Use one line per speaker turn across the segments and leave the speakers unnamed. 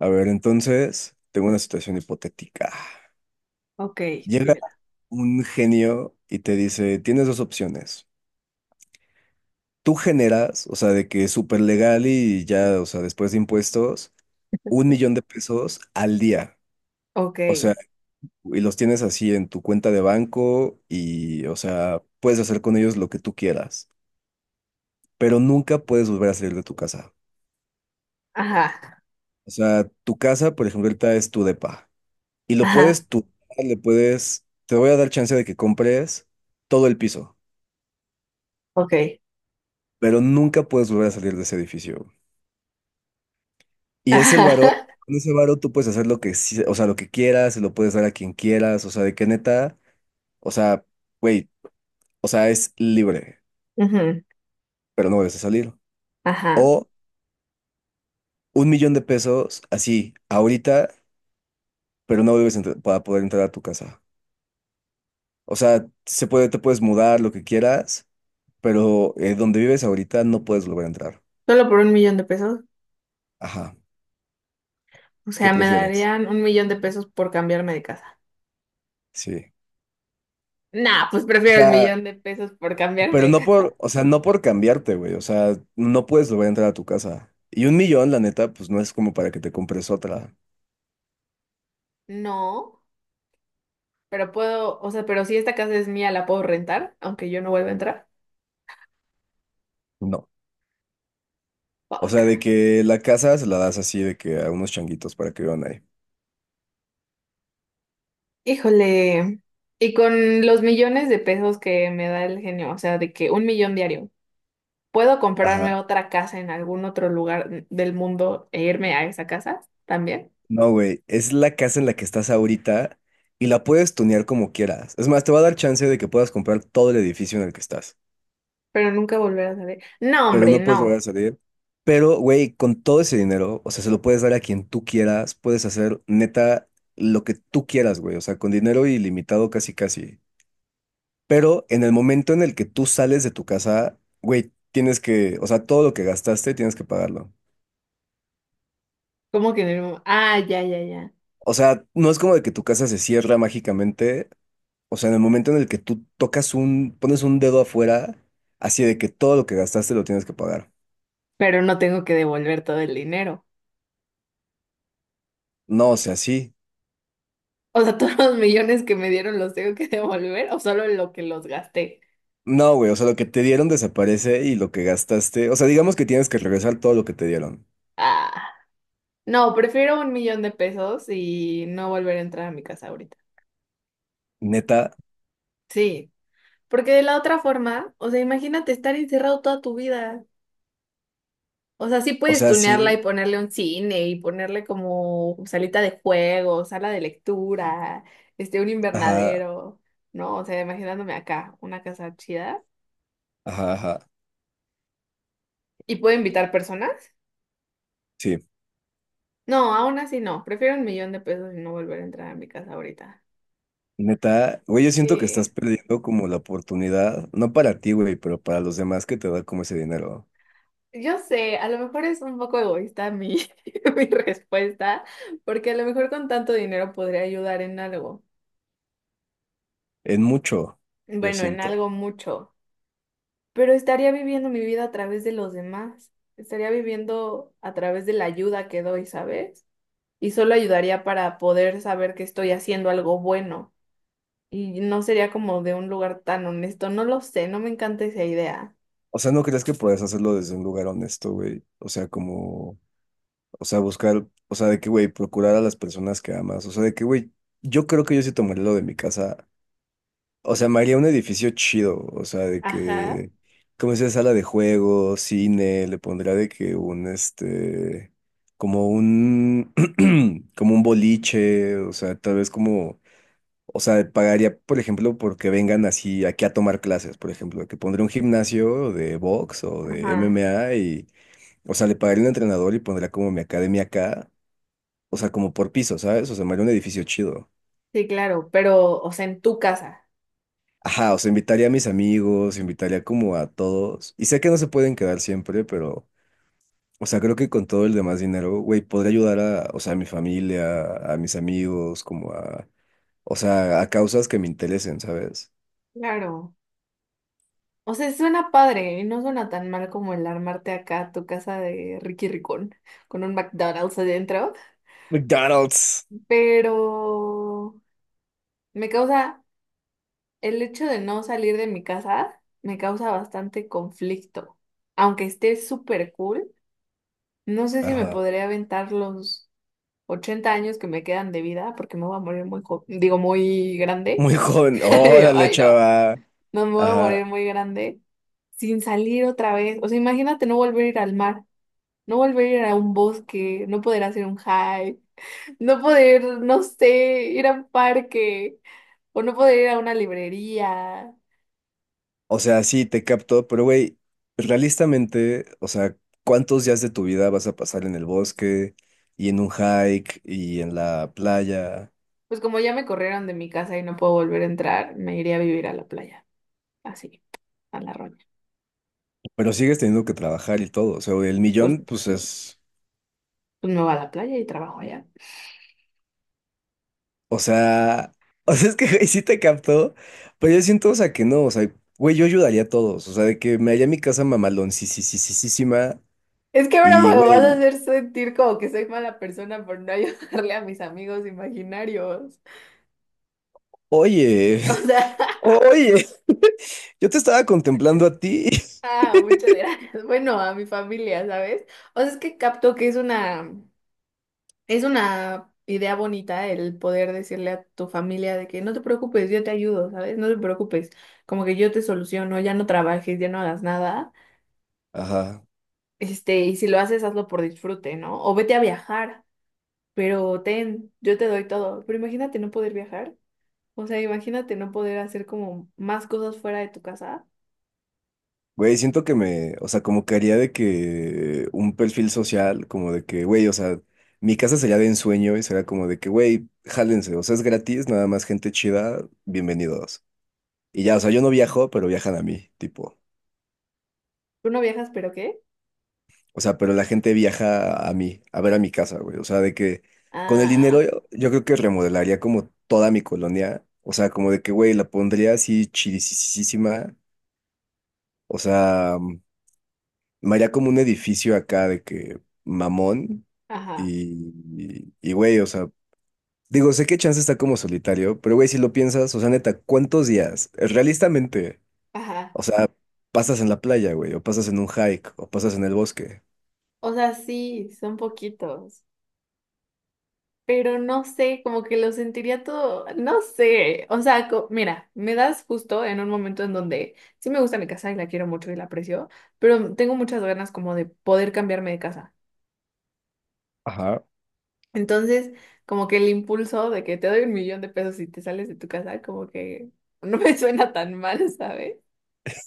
A ver, entonces, tengo una situación hipotética.
Ok,
Llega
dímela.
un genio y te dice, tienes dos opciones. Tú generas, o sea, de que es súper legal y ya, o sea, después de impuestos, 1,000,000 de pesos al día.
Ok,
O sea, y los tienes así en tu cuenta de banco y, o sea, puedes hacer con ellos lo que tú quieras, pero nunca puedes volver a salir de tu casa.
ajá,
O sea, tu casa, por ejemplo, ahorita es tu depa. Y lo
ajá,
puedes tú, le puedes, te voy a dar chance de que compres todo el piso,
ok,
pero nunca puedes volver a salir de ese edificio. Y es el varo,
ajá,
con ese varo tú puedes hacer lo que, sí- o sea, lo que quieras, se lo puedes dar a quien quieras, o sea, de que neta, o sea, güey, o sea, es libre,
ujú,
pero no vuelves a salir.
ajá.
O 1,000,000 de pesos, así, ahorita, pero no vuelves a entrar- para poder entrar a tu casa. O sea, se puede, te puedes mudar, lo que quieras, pero donde vives ahorita no puedes volver a entrar.
Solo por 1 millón de pesos.
Ajá.
O
¿Qué
sea, me
prefieres?
darían 1 millón de pesos por cambiarme de casa.
Sí.
Nah, pues
O
prefiero el
sea,
millón de pesos por cambiarme
pero
de
no
casa.
por, o sea, no por cambiarte, güey. O sea, no puedes volver a entrar a tu casa. Y un millón, la neta, pues no es como para que te compres otra.
No, pero puedo, o sea, pero si esta casa es mía, la puedo rentar, aunque yo no vuelva a entrar.
No. O sea,
Fuck.
de que la casa se la das así de que a unos changuitos para que vivan ahí.
Híjole. Y con los millones de pesos que me da el genio, o sea, de que 1 millón diario. ¿Puedo comprarme
Ajá.
otra casa en algún otro lugar del mundo e irme a esa casa también?
No, güey. Es la casa en la que estás ahorita y la puedes tunear como quieras. Es más, te va a dar chance de que puedas comprar todo el edificio en el que estás.
Pero nunca volver a saber. No,
Pero
hombre,
no puedes volver a
no.
salir. Pero, güey, con todo ese dinero, o sea, se lo puedes dar a quien tú quieras, puedes hacer neta lo que tú quieras, güey, o sea, con dinero ilimitado casi casi. Pero en el momento en el que tú sales de tu casa, güey, tienes que, o sea, todo lo que gastaste tienes que pagarlo.
¿Cómo que en el ah, ya, ya, ya.
O sea, no es como de que tu casa se cierra mágicamente, o sea, en el momento en el que tú tocas un, pones un dedo afuera, así de que todo lo que gastaste lo tienes que pagar.
Pero no tengo que devolver todo el dinero.
No, o sea, sí.
O sea, todos los millones que me dieron los tengo que devolver o solo lo que los gasté.
No, güey, o sea, lo que te dieron desaparece y lo que gastaste, o sea, digamos que tienes que regresar todo lo que te dieron.
Ah, no, prefiero 1 millón de pesos y no volver a entrar a mi casa ahorita.
Neta,
Sí, porque de la otra forma, o sea, imagínate estar encerrado toda tu vida. O sea, sí
o
puedes
sea,
tunearla y
sí,
ponerle un cine y ponerle como salita de juego, sala de lectura, este, un
ajá,
invernadero, ¿no? O sea, imaginándome acá, una casa chida.
ajá, ajá,
¿Y puedo invitar personas?
sí,
No, aún así no. Prefiero 1 millón de pesos y no volver a entrar a mi casa ahorita.
neta, güey, yo siento que estás
Sí.
perdiendo como la oportunidad, no para ti, güey, pero para los demás que te da como ese dinero,
Yo sé, a lo mejor es un poco egoísta mi, mi respuesta, porque a lo mejor con tanto dinero podría ayudar en algo.
en mucho, yo
Bueno, en
siento.
algo mucho. Pero estaría viviendo mi vida a través de los demás, estaría viviendo a través de la ayuda que doy, ¿sabes? Y solo ayudaría para poder saber que estoy haciendo algo bueno y no sería como de un lugar tan honesto, no lo sé, no me encanta esa idea.
O sea, ¿no crees que puedes hacerlo desde un lugar honesto, güey? O sea, como, o sea, buscar, o sea, de que, güey, procurar a las personas que amas, o sea, de que, güey, yo creo que yo sí tomaría lo de mi casa. O sea, me haría un edificio chido, o sea, de
Ajá.
que, como sea, sala de juegos, cine, le pondría de que un, este, como un, como un boliche, o sea, tal vez como, o sea, pagaría, por ejemplo, porque vengan así aquí a tomar clases, por ejemplo, que pondría un gimnasio de box o de
Ajá,
MMA y, o sea, le pagaría un entrenador y pondría como mi academia acá, o sea, como por piso, ¿sabes? O sea, me haría un edificio chido.
sí, claro, pero, o sea, en tu casa.
Ajá, o sea, invitaría a mis amigos, invitaría como a todos. Y sé que no se pueden quedar siempre, pero, o sea, creo que con todo el demás dinero, güey, podría ayudar a, o sea, a mi familia, a mis amigos, como a, o sea, a causas que me interesen, ¿sabes?
Claro. O sea, suena padre y no suena tan mal como el armarte acá tu casa de Ricky Ricón con un McDonald's adentro,
McDonald's.
pero me causa el hecho de no salir de mi casa, me causa bastante conflicto. Aunque esté súper cool, no sé si me
Ajá.
podría aventar los 80 años que me quedan de vida, porque me voy a morir muy muy grande.
Muy joven.
Digo,
Órale,
ay, no,
chava.
no me voy a
Ajá.
morir muy grande sin salir otra vez. O sea, imagínate no volver a ir al mar, no volver a ir a un bosque, no poder hacer un hike, no poder, no sé, ir a un parque o no poder ir a una librería.
O sea, sí, te capto, pero güey, realistamente, o sea, ¿cuántos días de tu vida vas a pasar en el bosque y en un hike y en la playa?
Pues como ya me corrieron de mi casa y no puedo volver a entrar, me iré a vivir a la playa, así, a la roña.
Pero sigues teniendo que trabajar y todo. O sea, el
Pues,
millón, pues es.
pues me voy a la playa y trabajo allá.
O sea. O sea, es que güey, sí te captó. Pero yo siento, o sea, que no. O sea, güey, yo ayudaría a todos. O sea, de que me haya mi casa mamalón, sí, sí, sí, sí, sí, sí, ma.
Es que ahora
Y,
me vas a
güey,
hacer sentir como que soy mala persona por no ayudarle a mis amigos imaginarios.
oye,
O sea,
oye, yo te estaba contemplando a ti.
ah, muchas gracias. Bueno, a mi familia, ¿sabes? O sea, es que capto que es una idea bonita, el poder decirle a tu familia de que no te preocupes, yo te ayudo, ¿sabes? No te preocupes, como que yo te soluciono, ya no trabajes, ya no hagas nada.
Ajá.
Este, y si lo haces, hazlo por disfrute, ¿no? O vete a viajar, pero ten, yo te doy todo. Pero imagínate no poder viajar. O sea, imagínate no poder hacer como más cosas fuera de tu casa.
Güey, siento que me. O sea, como que haría de que un perfil social, como de que, güey, o sea, mi casa sería de ensueño y sería como de que, güey, jálense. O sea, es gratis, nada más gente chida, bienvenidos. Y ya, o sea, yo no viajo, pero viajan a mí, tipo.
Tú no viajas, pero ¿qué?
O sea, pero la gente viaja a mí, a ver a mi casa, güey. O sea, de que con el dinero
Ah,
yo, yo creo que remodelaría como toda mi colonia. O sea, como de que, güey, la pondría así chidisísima. O sea, me haría como un edificio acá de que mamón.
ajá,
Y, güey, o sea, digo, sé que Chance está como solitario, pero güey, si lo piensas, o sea, neta, ¿cuántos días? Realistamente,
ajá.
o sea, pasas en la playa, güey, o pasas en un hike, o pasas en el bosque.
O sea, sí, son poquitos. Pero no sé, como que lo sentiría todo, no sé. O sea, mira, me das justo en un momento en donde sí me gusta mi casa y la quiero mucho y la aprecio, pero tengo muchas ganas como de poder cambiarme de casa.
Ajá.
Entonces, como que el impulso de que te doy 1 millón de pesos y te sales de tu casa, como que no me suena tan mal, ¿sabes?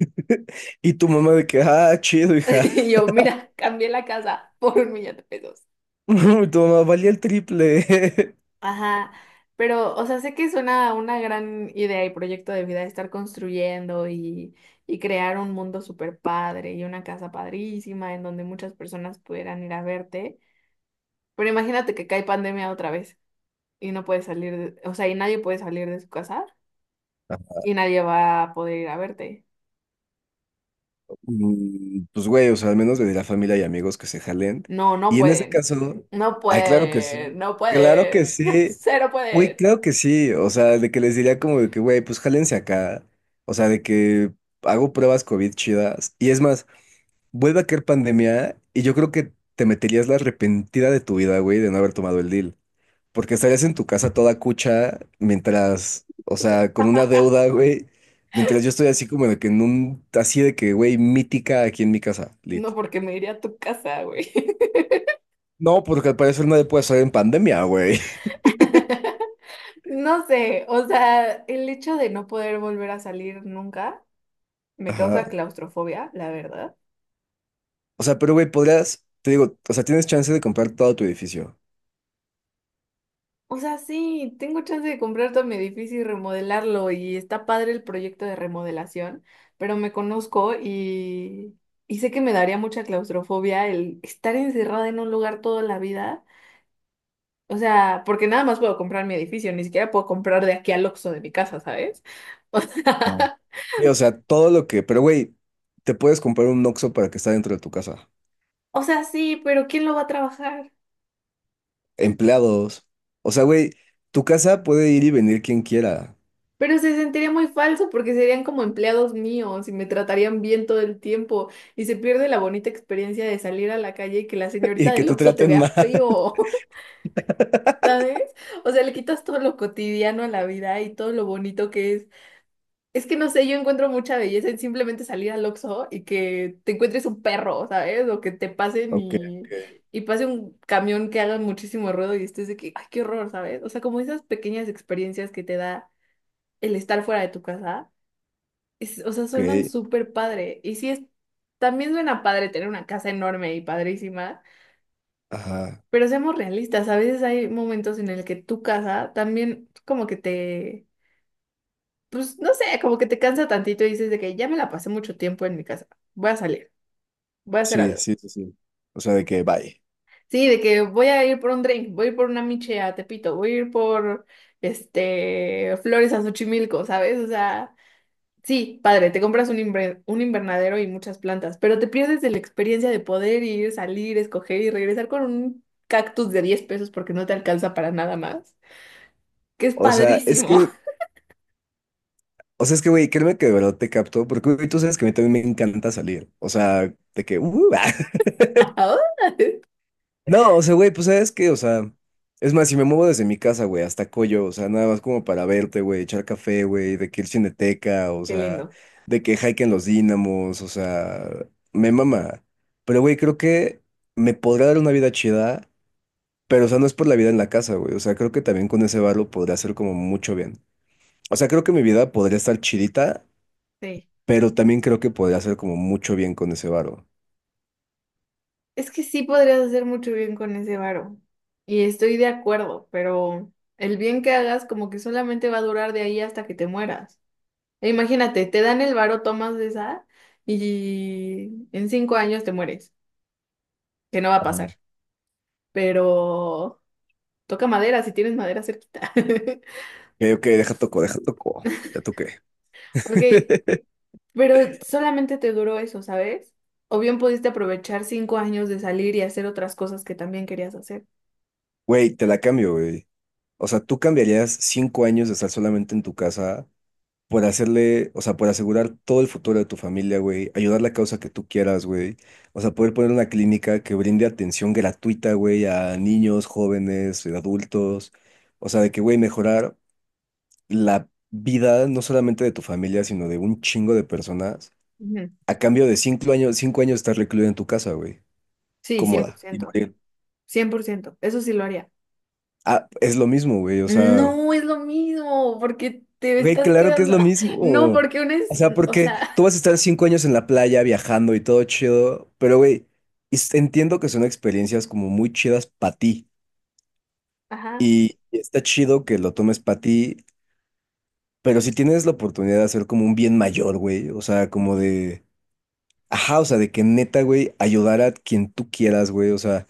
Y tu mamá de que, ah, chido, hija.
Y yo, mira, cambié la casa por 1 millón de pesos.
Y tu mamá valía el triple.
Ajá, pero, o sea, sé que suena una gran idea y proyecto de vida estar construyendo y crear un mundo súper padre y una casa padrísima en donde muchas personas pudieran ir a verte. Pero imagínate que cae pandemia otra vez y no puedes salir, o sea, y nadie puede salir de su casa y nadie va a poder ir a verte.
Mm, pues güey, o sea, al menos de la familia y amigos que se jalen.
No, no
Y en ese
pueden.
caso,
No
ay, claro que
pueden.
sí.
No
Claro que
pueden.
sí.
Cero
Güey,
pueden.
claro que sí. O sea, de que les diría como de que, güey, pues jálense acá. O sea, de que hago pruebas COVID chidas. Y es más, vuelve a caer pandemia y yo creo que te meterías la arrepentida de tu vida, güey, de no haber tomado el deal. Porque estarías en tu casa toda cucha mientras, o sea, con una deuda, güey. Mientras yo estoy así como de que en un, así de que, güey, mítica aquí en mi casa, lit.
No, porque me iría a tu casa, güey.
No, porque al parecer nadie puede salir en pandemia, güey.
No sé, o sea, el hecho de no poder volver a salir nunca me
Ajá.
causa claustrofobia, la verdad.
O sea, pero, güey, podrías, te digo, o sea, tienes chance de comprar todo tu edificio.
O sea, sí, tengo chance de comprar todo mi edificio y remodelarlo y está padre el proyecto de remodelación, pero me conozco y sé que me daría mucha claustrofobia el estar encerrada en un lugar toda la vida. O sea, porque nada más puedo comprar mi edificio, ni siquiera puedo comprar de aquí al Oxxo de mi casa, ¿sabes? O
Ah,
sea,
sí, o sea, todo lo que, pero, güey, te puedes comprar un Oxxo para que está dentro de tu casa.
o sea, sí, pero ¿quién lo va a trabajar?
Empleados. O sea, güey, tu casa puede ir y venir quien quiera.
Pero se sentiría muy falso porque serían como empleados míos y me tratarían bien todo el tiempo y se pierde la bonita experiencia de salir a la calle y que la señorita
Y que
del
te
Oxxo te
traten mal.
vea feo, ¿sabes? O sea, le quitas todo lo cotidiano a la vida y todo lo bonito que es. Es que no sé, yo encuentro mucha belleza en simplemente salir al Oxxo y que te encuentres un perro, ¿sabes? O que te pasen
Ok.
y,
Ok,
y pase un camión que haga muchísimo ruido y estés de que, ay, qué horror, ¿sabes? O sea, como esas pequeñas experiencias que te da el estar fuera de tu casa, o sea, suenan
ok.
súper padre. Y sí, es, también suena padre tener una casa enorme y padrísima,
Ajá.
pero seamos realistas, a veces hay momentos en el que tu casa también como que te, pues no sé, como que te cansa tantito y dices de que ya me la pasé mucho tiempo en mi casa, voy a salir, voy a hacer
Sí,
algo.
sí, sí, sí. O sea, de que bye.
Sí, de que voy a ir por un drink, voy a ir por una miche a Tepito, voy a ir por este flores a Xochimilco, ¿sabes? O sea, sí, padre, te compras un, un invernadero y muchas plantas, pero te pierdes de la experiencia de poder ir, salir, escoger y regresar con un cactus de 10 pesos porque no te alcanza para nada más, que es
O sea, es
padrísimo.
que, o sea, es que, güey, créeme que de verdad te capto, porque, güey, tú sabes que a mí también me encanta salir. O sea, de que, ah.
Qué
No, o sea, güey, pues sabes que, o sea, es más, si me muevo desde mi casa, güey, hasta Coyo, o sea, nada más como para verte, güey, echar café, güey, de que ir Cineteca, o sea,
lindo.
de que hike en los Dínamos, o sea, me mama. Pero, güey, creo que me podrá dar una vida chida. Pero, o sea, no es por la vida en la casa, güey. O sea, creo que también con ese varo podría hacer como mucho bien. O sea, creo que mi vida podría estar chidita,
Sí.
pero también creo que podría hacer como mucho bien con ese varo.
Es que sí podrías hacer mucho bien con ese varo. Y estoy de acuerdo, pero el bien que hagas como que solamente va a durar de ahí hasta que te mueras. E imagínate, te dan el varo, tomas de esa y en 5 años te mueres, que no va a
Ajá. Ok,
pasar. Pero toca madera, si tienes madera cerquita.
ok, deja toco, deja toco. Ya toqué.
Ok, pero solamente te duró eso, ¿sabes? O bien pudiste aprovechar 5 años de salir y hacer otras cosas que también querías hacer.
Güey, te la cambio, güey. O sea, ¿tú cambiarías 5 años de estar solamente en tu casa por hacerle, o sea, por asegurar todo el futuro de tu familia, güey, ayudar la causa que tú quieras, güey. O sea, poder poner una clínica que brinde atención gratuita, güey, a niños, jóvenes, adultos. O sea, de que, güey, mejorar la vida no solamente de tu familia, sino de un chingo de personas,
Ujú.
a cambio de 5 años, 5 años estar recluido en tu casa, güey,
Sí, cien por
cómoda y
ciento.
morir.
Cien por ciento. Eso sí lo haría.
Ah, es lo mismo, güey, o sea.
No es lo mismo, porque te
Güey,
estás
claro que es
quedando.
lo mismo.
No, porque una es,
O sea,
o sea,
porque tú vas a estar 5 años en la playa viajando y todo chido, pero güey, es- entiendo que son experiencias como muy chidas para ti
ajá.
y está chido que lo tomes para ti, pero si tienes la oportunidad de hacer como un bien mayor, güey, o sea, como de, ajá, o sea, de que neta, güey, ayudar a quien tú quieras, güey, o sea,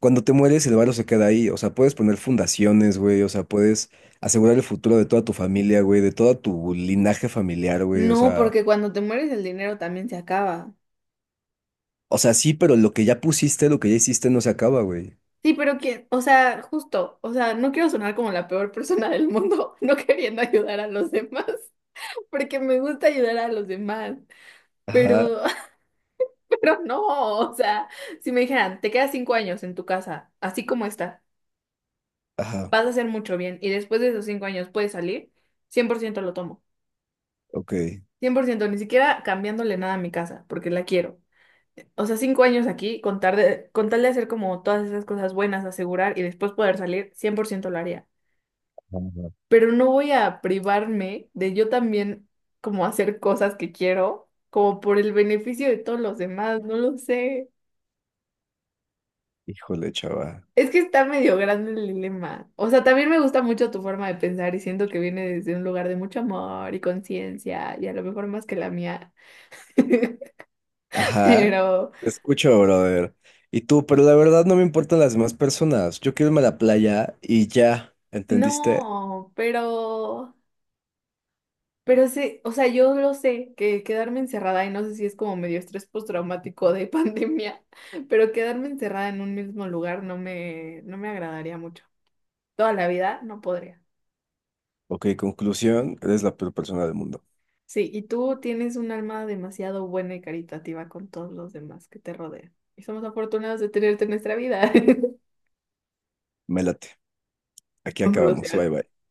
cuando te mueres el barro se queda ahí, o sea, puedes poner fundaciones, güey, o sea, puedes asegurar el futuro de toda tu familia, güey, de todo tu linaje familiar, güey, o
No,
sea.
porque cuando te mueres el dinero también se acaba.
O sea, sí, pero lo que ya pusiste, lo que ya hiciste no se acaba, güey.
Sí, pero que, o sea, justo, o sea, no quiero sonar como la peor persona del mundo, no queriendo ayudar a los demás, porque me gusta ayudar a los demás,
Ajá,
pero, pero no, o sea, si me dijeran, te quedas 5 años en tu casa, así como está,
ajá,
vas a hacer mucho bien, y después de esos 5 años puedes salir, 100% lo tomo.
ok.
100% ni siquiera cambiándole nada a mi casa, porque la quiero. O sea, 5 años aquí, con tal de hacer como todas esas cosas buenas, asegurar y después poder salir, 100% lo haría.
Ajá.
Pero no voy a privarme de yo también como hacer cosas que quiero, como por el beneficio de todos los demás, no lo sé.
Híjole, chava.
Es que está medio grande el dilema. O sea, también me gusta mucho tu forma de pensar y siento que viene desde un lugar de mucho amor y conciencia y a lo mejor más que la mía.
Ajá.
Pero...
Te escucho, brother. Y tú, pero la verdad no me importan las demás personas. Yo quiero irme a la playa y ya, ¿entendiste?
No, pero sí, o sea, yo lo sé, que quedarme encerrada, y no sé si es como medio estrés postraumático de pandemia, pero quedarme encerrada en un mismo lugar no me agradaría mucho. Toda la vida no podría.
Ok, conclusión, eres la peor persona del mundo.
Sí, y tú tienes un alma demasiado buena y caritativa con todos los demás que te rodean. Y somos afortunados de tenerte en nuestra vida.
Mélate. Aquí acabamos.
Conclusión.
Bye, bye.